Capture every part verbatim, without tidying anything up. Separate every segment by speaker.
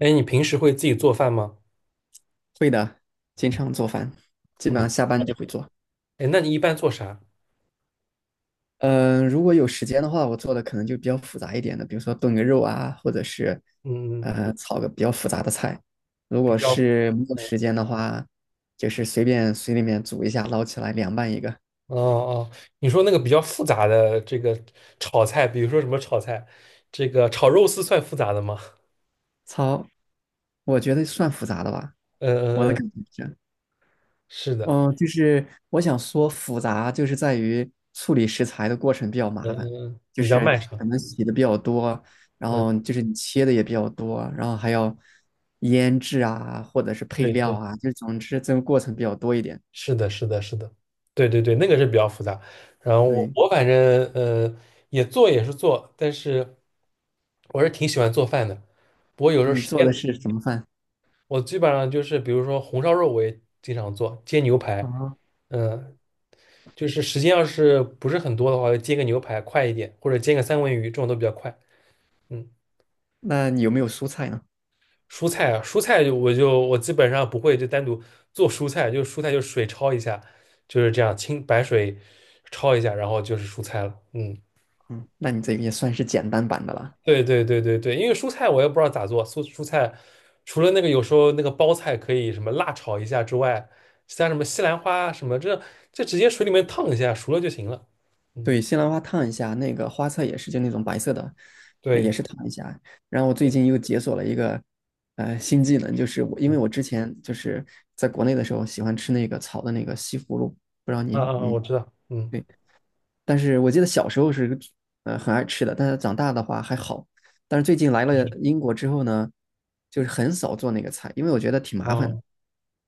Speaker 1: 哎，你平时会自己做饭吗？
Speaker 2: 会的，经常做饭，基本上
Speaker 1: 嗯，
Speaker 2: 下班就会做。
Speaker 1: 哎，那你一般做啥？
Speaker 2: 嗯，如果有时间的话，我做的可能就比较复杂一点的，比如说炖个肉啊，或者是
Speaker 1: 嗯，
Speaker 2: 呃炒个比较复杂的菜。如果
Speaker 1: 比较，
Speaker 2: 是没有
Speaker 1: 嗯，
Speaker 2: 时间的话，就是随便水里面煮一下，捞起来凉拌一个。
Speaker 1: 哦哦，你说那个比较复杂的这个炒菜，比如说什么炒菜，这个炒肉丝算复杂的吗？
Speaker 2: 炒，我觉得算复杂的吧，
Speaker 1: 嗯
Speaker 2: 我的
Speaker 1: 嗯嗯，
Speaker 2: 感觉是。
Speaker 1: 是的，
Speaker 2: 嗯，就是我想说复杂，就是在于处理食材的过程比较
Speaker 1: 嗯，
Speaker 2: 麻烦，
Speaker 1: 嗯
Speaker 2: 就
Speaker 1: 比较
Speaker 2: 是
Speaker 1: 漫长。
Speaker 2: 可能洗的比较多，然
Speaker 1: 嗯，
Speaker 2: 后就是你切的也比较多，然后还要腌制啊，或者是配
Speaker 1: 对
Speaker 2: 料
Speaker 1: 对，
Speaker 2: 啊，就总之这个过程比较多一点。
Speaker 1: 是的，是的，是的，对对对，那个是比较复杂。然后我
Speaker 2: 对，
Speaker 1: 我反正呃也做也是做，但是我是挺喜欢做饭的。不过有时候
Speaker 2: 你
Speaker 1: 时
Speaker 2: 做
Speaker 1: 间
Speaker 2: 的是什么饭？
Speaker 1: 我基本上就是，比如说红烧肉，我也经常做，煎牛排，
Speaker 2: 啊，
Speaker 1: 嗯，就是时间要是不是很多的话，就煎个牛排快一点，或者煎个三文鱼，这种都比较快。嗯，
Speaker 2: 那你有没有蔬菜呢？
Speaker 1: 蔬菜啊，蔬菜就我就我基本上不会就单独做蔬菜，就蔬菜就水焯一下，就是这样清白水焯一下，然后就是蔬菜了。嗯。
Speaker 2: 嗯，那你这个也算是简单版的了。
Speaker 1: 对对对对对，因为蔬菜我也不知道咋做，蔬蔬菜除了那个有时候那个包菜可以什么辣炒一下之外，其他什么西兰花啊什么这这直接水里面烫一下熟了就行了。嗯，
Speaker 2: 对，西兰花烫一下，那个花菜也是就那种白色的，呃
Speaker 1: 对，
Speaker 2: 也是烫一下。然后我最近又解锁了一个呃新技能，就是我因为
Speaker 1: 嗯
Speaker 2: 我之前就是在国内的时候喜欢吃那个炒的那个西葫芦，不知道
Speaker 1: 嗯
Speaker 2: 你
Speaker 1: 嗯，
Speaker 2: 你
Speaker 1: 我知道，嗯
Speaker 2: 对但是我记得小时候是呃很爱吃的，但是长大的话还好。但是最近来了英国之后呢，就是很少做那个菜，因为我觉得挺麻烦的。
Speaker 1: 啊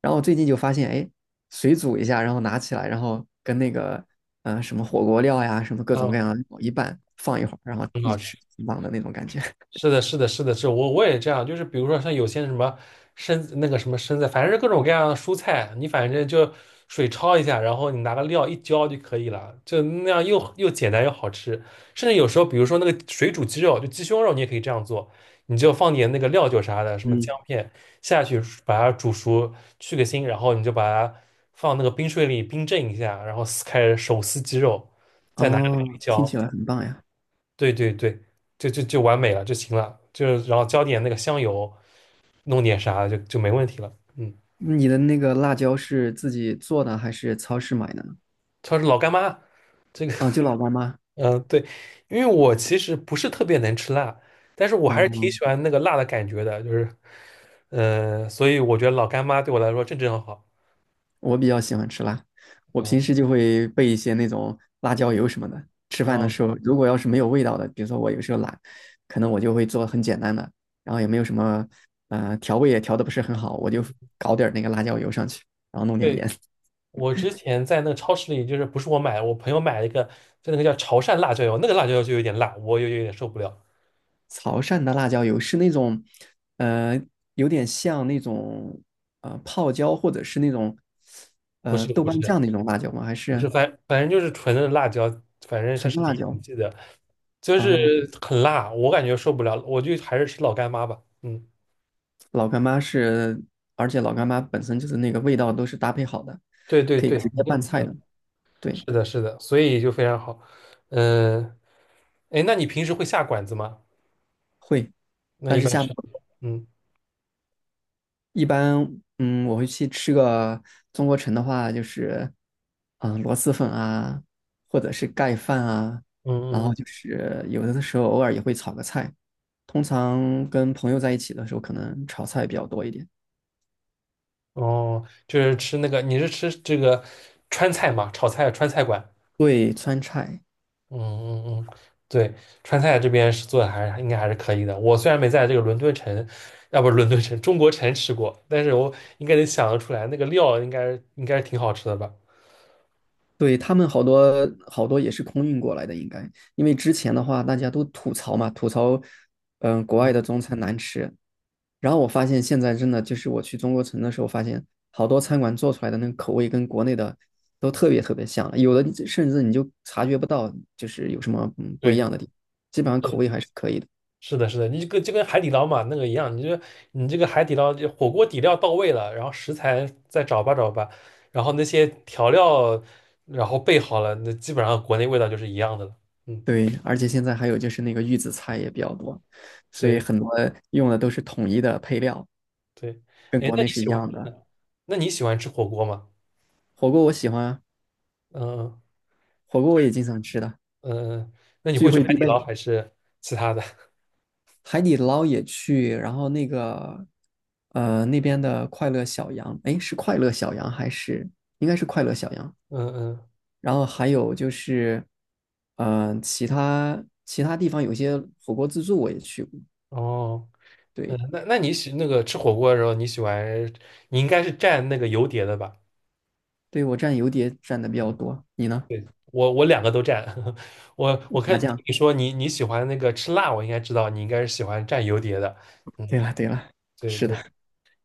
Speaker 2: 然后我最近就发现，哎，水煮一下，然后拿起来，然后跟那个呃什么火锅料呀，什么各种各样
Speaker 1: 啊，
Speaker 2: 的料一拌，放一会儿，然后
Speaker 1: 很
Speaker 2: 一
Speaker 1: 好
Speaker 2: 吃，
Speaker 1: 吃。
Speaker 2: 挺棒的那种感觉。
Speaker 1: 是的，是的，是的，是我我也这样，就是比如说像有些什么生那个什么生菜，反正是各种各样的蔬菜，你反正就水焯一下，然后你拿个料一浇就可以了，就那样又又简单又好吃。甚至有时候，比如说那个水煮鸡肉，就鸡胸肉，你也可以这样做，你就放点那个料酒啥的，什么
Speaker 2: 嗯，
Speaker 1: 姜片下去，把它煮熟，去个腥，然后你就把它放那个冰水里冰镇一下，然后撕开手撕鸡肉，再拿个料一
Speaker 2: 哦，听起
Speaker 1: 浇，
Speaker 2: 来很棒呀！
Speaker 1: 对对对，就就就完美了就行了，就是然后浇点那个香油，弄点啥就就没问题了。嗯，
Speaker 2: 你的那个辣椒是自己做的还是超市买的呢？
Speaker 1: 她是老干妈，这个
Speaker 2: 啊，就老干妈。
Speaker 1: 嗯、呃对，因为我其实不是特别能吃辣，但是我还是挺
Speaker 2: 哦，
Speaker 1: 喜欢那个辣的感觉的，就是呃，所以我觉得老干妈对我来说正正好。
Speaker 2: 我比较喜欢吃辣，我平
Speaker 1: 嗯
Speaker 2: 时就会备一些那种辣椒油什么的。吃饭的
Speaker 1: 哦
Speaker 2: 时候，如果要是没有味道的，比如说我有时候懒，可能我就会做很简单的，然后也没有什么，呃，调味也调的不是很好，我就
Speaker 1: 嗯，
Speaker 2: 搞点儿那个辣椒油上去，然后弄点
Speaker 1: 对，
Speaker 2: 盐。
Speaker 1: 我之前在那个超市里，就是不是我买，我朋友买了一个，就那个叫潮汕辣椒油，那个辣椒油就有点辣，我有有点受不了。
Speaker 2: 潮汕的辣椒油是那种，呃，有点像那种呃泡椒或者是那种
Speaker 1: 不
Speaker 2: 呃
Speaker 1: 是
Speaker 2: 豆
Speaker 1: 不是，
Speaker 2: 瓣酱那种辣椒吗？还
Speaker 1: 不是，
Speaker 2: 是
Speaker 1: 反反正就是纯的辣椒，反正它
Speaker 2: 纯
Speaker 1: 是离
Speaker 2: 辣
Speaker 1: 挺
Speaker 2: 椒？
Speaker 1: 记的，就是
Speaker 2: 啊、
Speaker 1: 很辣，我感觉受不了了，我就还是吃老干妈吧。嗯，
Speaker 2: 老干妈是，而且老干妈本身就是那个味道都是搭配好的，
Speaker 1: 对对
Speaker 2: 可以
Speaker 1: 对，
Speaker 2: 直
Speaker 1: 肯
Speaker 2: 接
Speaker 1: 定
Speaker 2: 拌
Speaker 1: 不行，
Speaker 2: 菜的。对，
Speaker 1: 是的，是的，所以就非常好。嗯，哎，那你平时会下馆子吗？
Speaker 2: 会，
Speaker 1: 那
Speaker 2: 但
Speaker 1: 一
Speaker 2: 是
Speaker 1: 般
Speaker 2: 下次
Speaker 1: 吃，嗯
Speaker 2: 一般，嗯，我会去吃个中国城的话，就是，嗯、螺蛳粉啊，或者是盖饭啊，然
Speaker 1: 嗯
Speaker 2: 后
Speaker 1: 嗯
Speaker 2: 就是有的时候偶尔也会炒个菜，通常跟朋友在一起的时候，可能炒菜比较多一点。
Speaker 1: 嗯，哦，就是吃那个，你是吃这个川菜嘛，炒菜川菜馆。
Speaker 2: 对，川菜，
Speaker 1: 嗯嗯嗯，对，川菜这边是做的还是应该还是可以的。我虽然没在这个伦敦城，要不是伦敦城，中国城吃过，但是我应该能想得出来，那个料应该应该是挺好吃的吧？
Speaker 2: 对，他们好多好多也是空运过来的，应该，因为之前的话大家都吐槽嘛，吐槽，嗯、国
Speaker 1: 嗯
Speaker 2: 外的中餐难吃。然后我发现现在真的就是我去中国城的时候，发现好多餐馆做出来的那个口味跟国内的都特别特别像了，有的甚至你就察觉不到就是有什么嗯不一
Speaker 1: 对，
Speaker 2: 样的地方，基本上
Speaker 1: 是
Speaker 2: 口味还是可以的。
Speaker 1: 是的，是的，你就跟就跟海底捞嘛那个一样，你就你这个海底捞就火锅底料到位了，然后食材再找吧找吧，然后那些调料然后备好了，那基本上国内味道就是一样的了。嗯，
Speaker 2: 对，而且现在还有就是那个预制菜也比较多，所以
Speaker 1: 对
Speaker 2: 很多用的都是统一的配料，
Speaker 1: 对，
Speaker 2: 跟
Speaker 1: 哎，
Speaker 2: 国
Speaker 1: 那
Speaker 2: 内
Speaker 1: 你
Speaker 2: 是一
Speaker 1: 喜欢
Speaker 2: 样的。
Speaker 1: 那你喜欢吃火锅吗？
Speaker 2: 火锅我喜欢啊，
Speaker 1: 嗯嗯
Speaker 2: 火锅我也经常吃的，
Speaker 1: 嗯嗯。那你
Speaker 2: 聚
Speaker 1: 会去
Speaker 2: 会
Speaker 1: 海
Speaker 2: 必
Speaker 1: 底捞
Speaker 2: 备。
Speaker 1: 还是其他的？
Speaker 2: 海底捞也去，然后那个呃那边的快乐小羊，哎，是快乐小羊还是应该是快乐小羊？
Speaker 1: 嗯嗯，
Speaker 2: 然后还有就是嗯、呃其他其他地方有些火锅自助我也去过，
Speaker 1: 哦，嗯，
Speaker 2: 对
Speaker 1: 那那你喜那个吃火锅的时候，你喜欢你应该是蘸那个油碟的吧？
Speaker 2: 对，我蘸油碟蘸的比较多，你呢？
Speaker 1: 我我两个都蘸，我我看
Speaker 2: 麻
Speaker 1: 听
Speaker 2: 酱。
Speaker 1: 你说你你喜欢那个吃辣，我应该知道你应该是喜欢蘸油碟的。嗯，
Speaker 2: 对了对了，
Speaker 1: 对
Speaker 2: 是的。
Speaker 1: 对，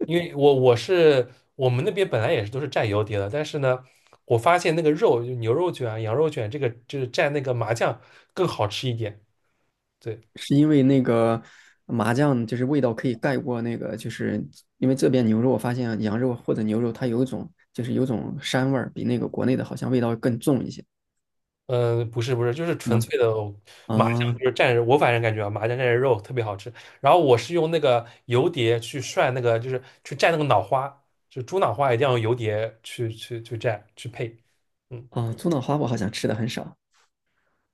Speaker 1: 因为我我是我们那边本来也是都是蘸油碟的，但是呢，我发现那个肉就牛肉卷啊羊肉卷这个就是蘸那个麻酱更好吃一点。对，
Speaker 2: 是因为那个麻酱就是味道可以盖过那个，就是因为这边牛肉，我发现羊肉或者牛肉它有一种就是有种膻味儿，比那个
Speaker 1: 嗯
Speaker 2: 国内的好像味道更重一些，
Speaker 1: 嗯，呃不是不是，就是
Speaker 2: 是
Speaker 1: 纯
Speaker 2: 吗？
Speaker 1: 粹的麻酱，
Speaker 2: 啊
Speaker 1: 就是蘸着我反正感觉啊，麻酱蘸着肉特别好吃。然后我是用那个油碟去涮那个，就是去蘸那个脑花，就猪脑花一定要用油碟去去去蘸去配。嗯，
Speaker 2: 啊，猪脑花我好像吃的很少，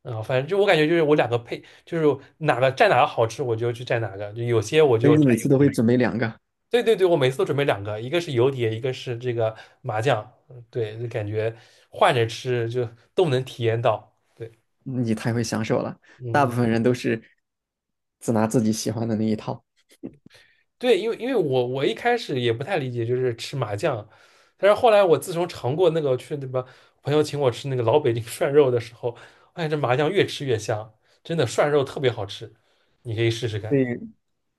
Speaker 1: 然后反正就我感觉就是我两个配，就是哪个蘸哪个好吃我就去蘸哪个，就有些我
Speaker 2: 所
Speaker 1: 就
Speaker 2: 以
Speaker 1: 蘸
Speaker 2: 你每次
Speaker 1: 油
Speaker 2: 都会
Speaker 1: 碟。
Speaker 2: 准备两个，
Speaker 1: 对对对，我每次都准备两个，一个是油碟，一个是这个麻酱。嗯对，就感觉换着吃就都能体验到。对，
Speaker 2: 你太会享受了。大
Speaker 1: 嗯。
Speaker 2: 部
Speaker 1: 嗯
Speaker 2: 分人都是只拿自己喜欢的那一套。
Speaker 1: 对，因为因为我我一开始也不太理解，就是吃麻酱，但是后来我自从尝过那个去那个朋友请我吃那个老北京 涮肉的时候，发现这麻酱越吃越香，真的涮肉特别好吃，你可以试试看。
Speaker 2: 对，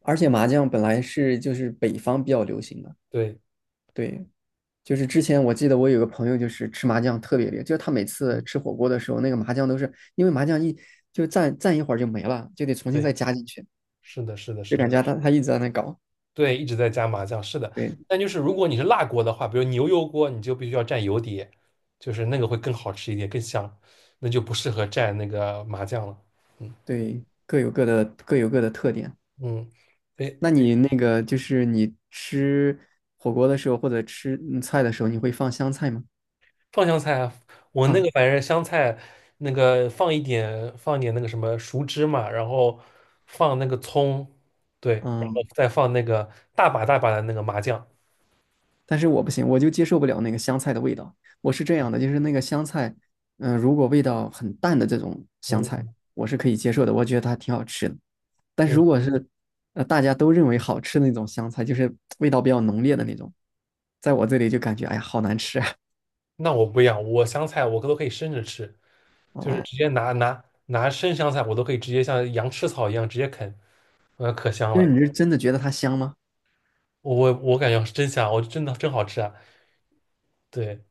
Speaker 2: 而且麻酱本来是就是北方比较流行的，
Speaker 1: 对，
Speaker 2: 对，就是之前我记得我有个朋友，就是吃麻酱特别厉害，就是他每次
Speaker 1: 嗯，
Speaker 2: 吃火锅的时候，那个麻酱都是因为麻酱一就蘸蘸一会儿就没了，就得重新
Speaker 1: 对，
Speaker 2: 再加进去，
Speaker 1: 是的，是的，
Speaker 2: 就
Speaker 1: 是
Speaker 2: 感
Speaker 1: 的，
Speaker 2: 觉他他一直在那搞。
Speaker 1: 对，一直在加麻酱，是的。
Speaker 2: 对
Speaker 1: 但就是如果你是辣锅的话，比如牛油锅，你就必须要蘸油碟，就是那个会更好吃一点，更香，那就不适合蘸那个麻酱了。嗯
Speaker 2: 对，各有各的各有各的特点。
Speaker 1: 嗯，对，
Speaker 2: 那你那个就是你吃火锅的时候或者吃嗯菜的时候，你会放香菜吗？
Speaker 1: 放香菜啊，我那
Speaker 2: 放，
Speaker 1: 个反正香菜那个放一点，放一点那个什么熟芝麻，然后放那个葱，对，然后
Speaker 2: 嗯，
Speaker 1: 再放那个大把大把的那个麻酱。
Speaker 2: 但是我不行，我就接受不了那个香菜的味道。我是这样的，就是那个香菜，嗯、呃如果味道很淡的这种香菜，
Speaker 1: 嗯
Speaker 2: 我是可以接受的，我觉得它挺好吃的。但是
Speaker 1: 嗯
Speaker 2: 如果是呃大家都认为好吃的那种香菜，就是味道比较浓烈的
Speaker 1: 嗯，
Speaker 2: 那种，在我这里就感觉哎呀好难吃啊！
Speaker 1: 那我不一样，我香菜我都可以生着吃，就是
Speaker 2: 哦，
Speaker 1: 直接拿拿拿生香菜，我都可以直接像羊吃草一样直接啃，呃，可香
Speaker 2: 就是
Speaker 1: 了。
Speaker 2: 你是真的觉得它香吗？
Speaker 1: 我我我感觉是真香，我真的真好吃啊。对，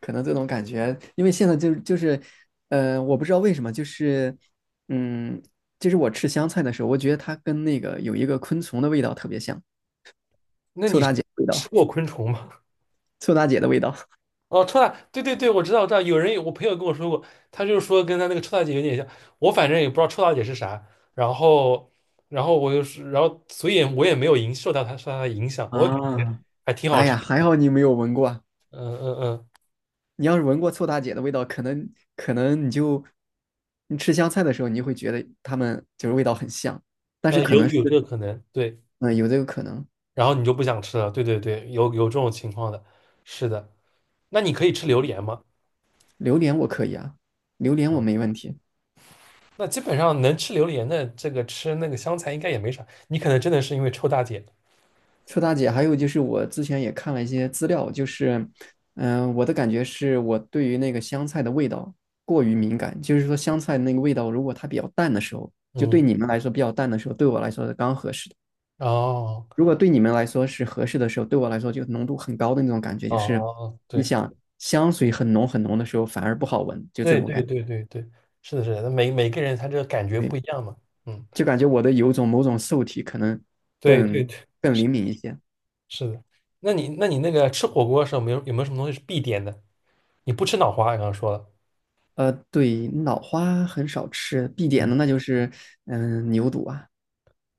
Speaker 2: 可能这种感觉，因为现在就就是呃，我不知道为什么，就是嗯，就是我吃香菜的时候，我觉得它跟那个有一个昆虫的味道特别像，
Speaker 1: 那你
Speaker 2: 味道。
Speaker 1: 吃过昆虫吗？
Speaker 2: 臭大姐的味道
Speaker 1: 哦，臭大，对对对，我知道，我知道，有人我朋友跟我说过，他就是说跟他那个臭大姐有点像，我反正也不知道臭大姐是啥，然后，然后我就是，然后所以我也没有影受到他受他的影响，我感觉
Speaker 2: 啊，
Speaker 1: 还挺好
Speaker 2: 哎
Speaker 1: 吃，
Speaker 2: 呀，还好你没有闻过，
Speaker 1: 嗯嗯嗯，
Speaker 2: 你要是闻过臭大姐的味道，可能可能你就你吃香菜的时候，你就会觉得它们就是味道很像，但是
Speaker 1: 呃，
Speaker 2: 可
Speaker 1: 有
Speaker 2: 能是
Speaker 1: 有这个可能，对，
Speaker 2: 嗯、呃有这个可能。
Speaker 1: 然后你就不想吃了，对对对，有有这种情况的，是的，那你可以吃榴莲吗？
Speaker 2: 榴莲我可以啊，榴莲我
Speaker 1: 啊，
Speaker 2: 没问题。
Speaker 1: 那基本上能吃榴莲的，这个吃那个香菜应该也没啥，你可能真的是因为臭大姐，
Speaker 2: 臭大姐，还有就是我之前也看了一些资料，就是嗯、呃我的感觉是我对于那个香菜的味道过于敏感，就是说香菜那个味道如果它比较淡的时候，就对
Speaker 1: 嗯，
Speaker 2: 你们来说比较淡的时候，对我来说是刚合适的。
Speaker 1: 哦
Speaker 2: 如果对你们来说是合适的时候，对我来说就浓度很高的那种感觉，
Speaker 1: 哦哦，
Speaker 2: 就是
Speaker 1: 哦，
Speaker 2: 你
Speaker 1: 对。
Speaker 2: 想香水很浓很浓的时候反而不好闻，就这
Speaker 1: 对
Speaker 2: 种
Speaker 1: 对
Speaker 2: 感觉。
Speaker 1: 对对对，是的，是的，那每每个人他这个感觉
Speaker 2: 对，
Speaker 1: 不一样嘛，嗯，
Speaker 2: 就感觉我的有种某种受体可能
Speaker 1: 对对
Speaker 2: 更
Speaker 1: 对，
Speaker 2: 更灵
Speaker 1: 是
Speaker 2: 敏一些。
Speaker 1: 是的。那你那你那个吃火锅的时候，有没有有没有什么东西是必点的？你不吃脑花，刚刚说了，
Speaker 2: 呃，对，脑花很少吃，必点
Speaker 1: 嗯，
Speaker 2: 的那就是嗯、呃牛肚啊，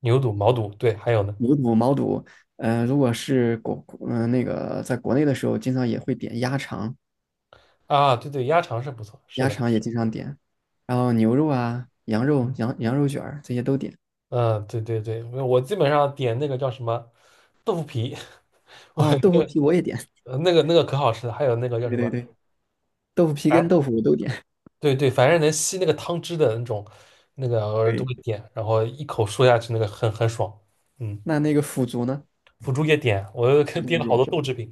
Speaker 1: 牛肚、毛肚，对，还有呢，
Speaker 2: 牛肚、毛肚。呃，如果是国嗯、呃那个在国内的时候，经常也会点鸭肠，
Speaker 1: 啊，对对，鸭肠是不错，是
Speaker 2: 鸭
Speaker 1: 的，
Speaker 2: 肠也经常点，然后牛肉啊、羊肉、羊羊肉卷儿这些都点
Speaker 1: 嗯，对对对，我基本上点那个叫什么豆腐皮，我
Speaker 2: 啊，豆腐皮我也点。
Speaker 1: 呃那个那个可好吃了，还有那个叫
Speaker 2: 对
Speaker 1: 什么，
Speaker 2: 对对，豆腐皮跟
Speaker 1: 哎，
Speaker 2: 豆腐我都点。
Speaker 1: 对对，反正能吸那个汤汁的那种，那个偶 尔都
Speaker 2: 对，
Speaker 1: 会点，然后一口说下去，那个很很爽，嗯。
Speaker 2: 那那个腐竹呢？
Speaker 1: 腐竹也点，我又
Speaker 2: 腐
Speaker 1: 看
Speaker 2: 竹
Speaker 1: 点
Speaker 2: 你
Speaker 1: 了好
Speaker 2: 点
Speaker 1: 多
Speaker 2: 什
Speaker 1: 豆
Speaker 2: 么？
Speaker 1: 制品。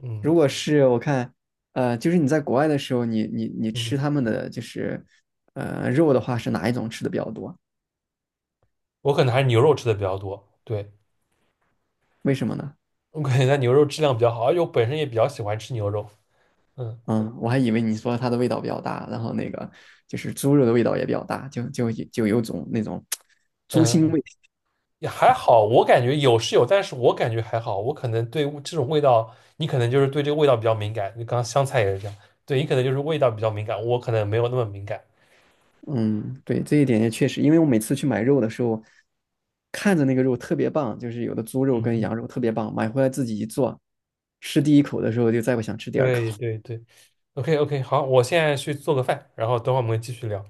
Speaker 1: 嗯
Speaker 2: 如果是我看，呃，就是你在国外的时候，你你你吃
Speaker 1: 嗯，
Speaker 2: 他们的就是呃肉的话，是哪一种吃的比较多？
Speaker 1: 我可能还是牛肉吃的比较多。对，
Speaker 2: 为什么呢？
Speaker 1: 我感觉它牛肉质量比较好，而且我本身也比较喜欢吃牛肉。嗯
Speaker 2: 嗯，我还以为你说它的味道比较大，然后那个就是猪肉的味道也比较大，就就就有种那种 猪
Speaker 1: 嗯，
Speaker 2: 腥味。
Speaker 1: 也还好，我感觉有是有，但是我感觉还好。我可能对味这种味道，你可能就是对这个味道比较敏感。你刚刚香菜也是这样，对你可能就是味道比较敏感，我可能没有那么敏感。
Speaker 2: 嗯，对，这一点也确实，因为我每次去买肉的时候，看着那个肉特别棒，就是有的猪肉跟
Speaker 1: 嗯，
Speaker 2: 羊肉特别棒，买回来自己一做，吃第一口的时候就再不想吃第二口
Speaker 1: 对
Speaker 2: 了。
Speaker 1: 对对，OK OK，好，我现在去做个饭，然后等会儿我们继续聊。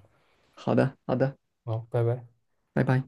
Speaker 2: 好的，好的，
Speaker 1: 好，拜拜。
Speaker 2: 拜拜。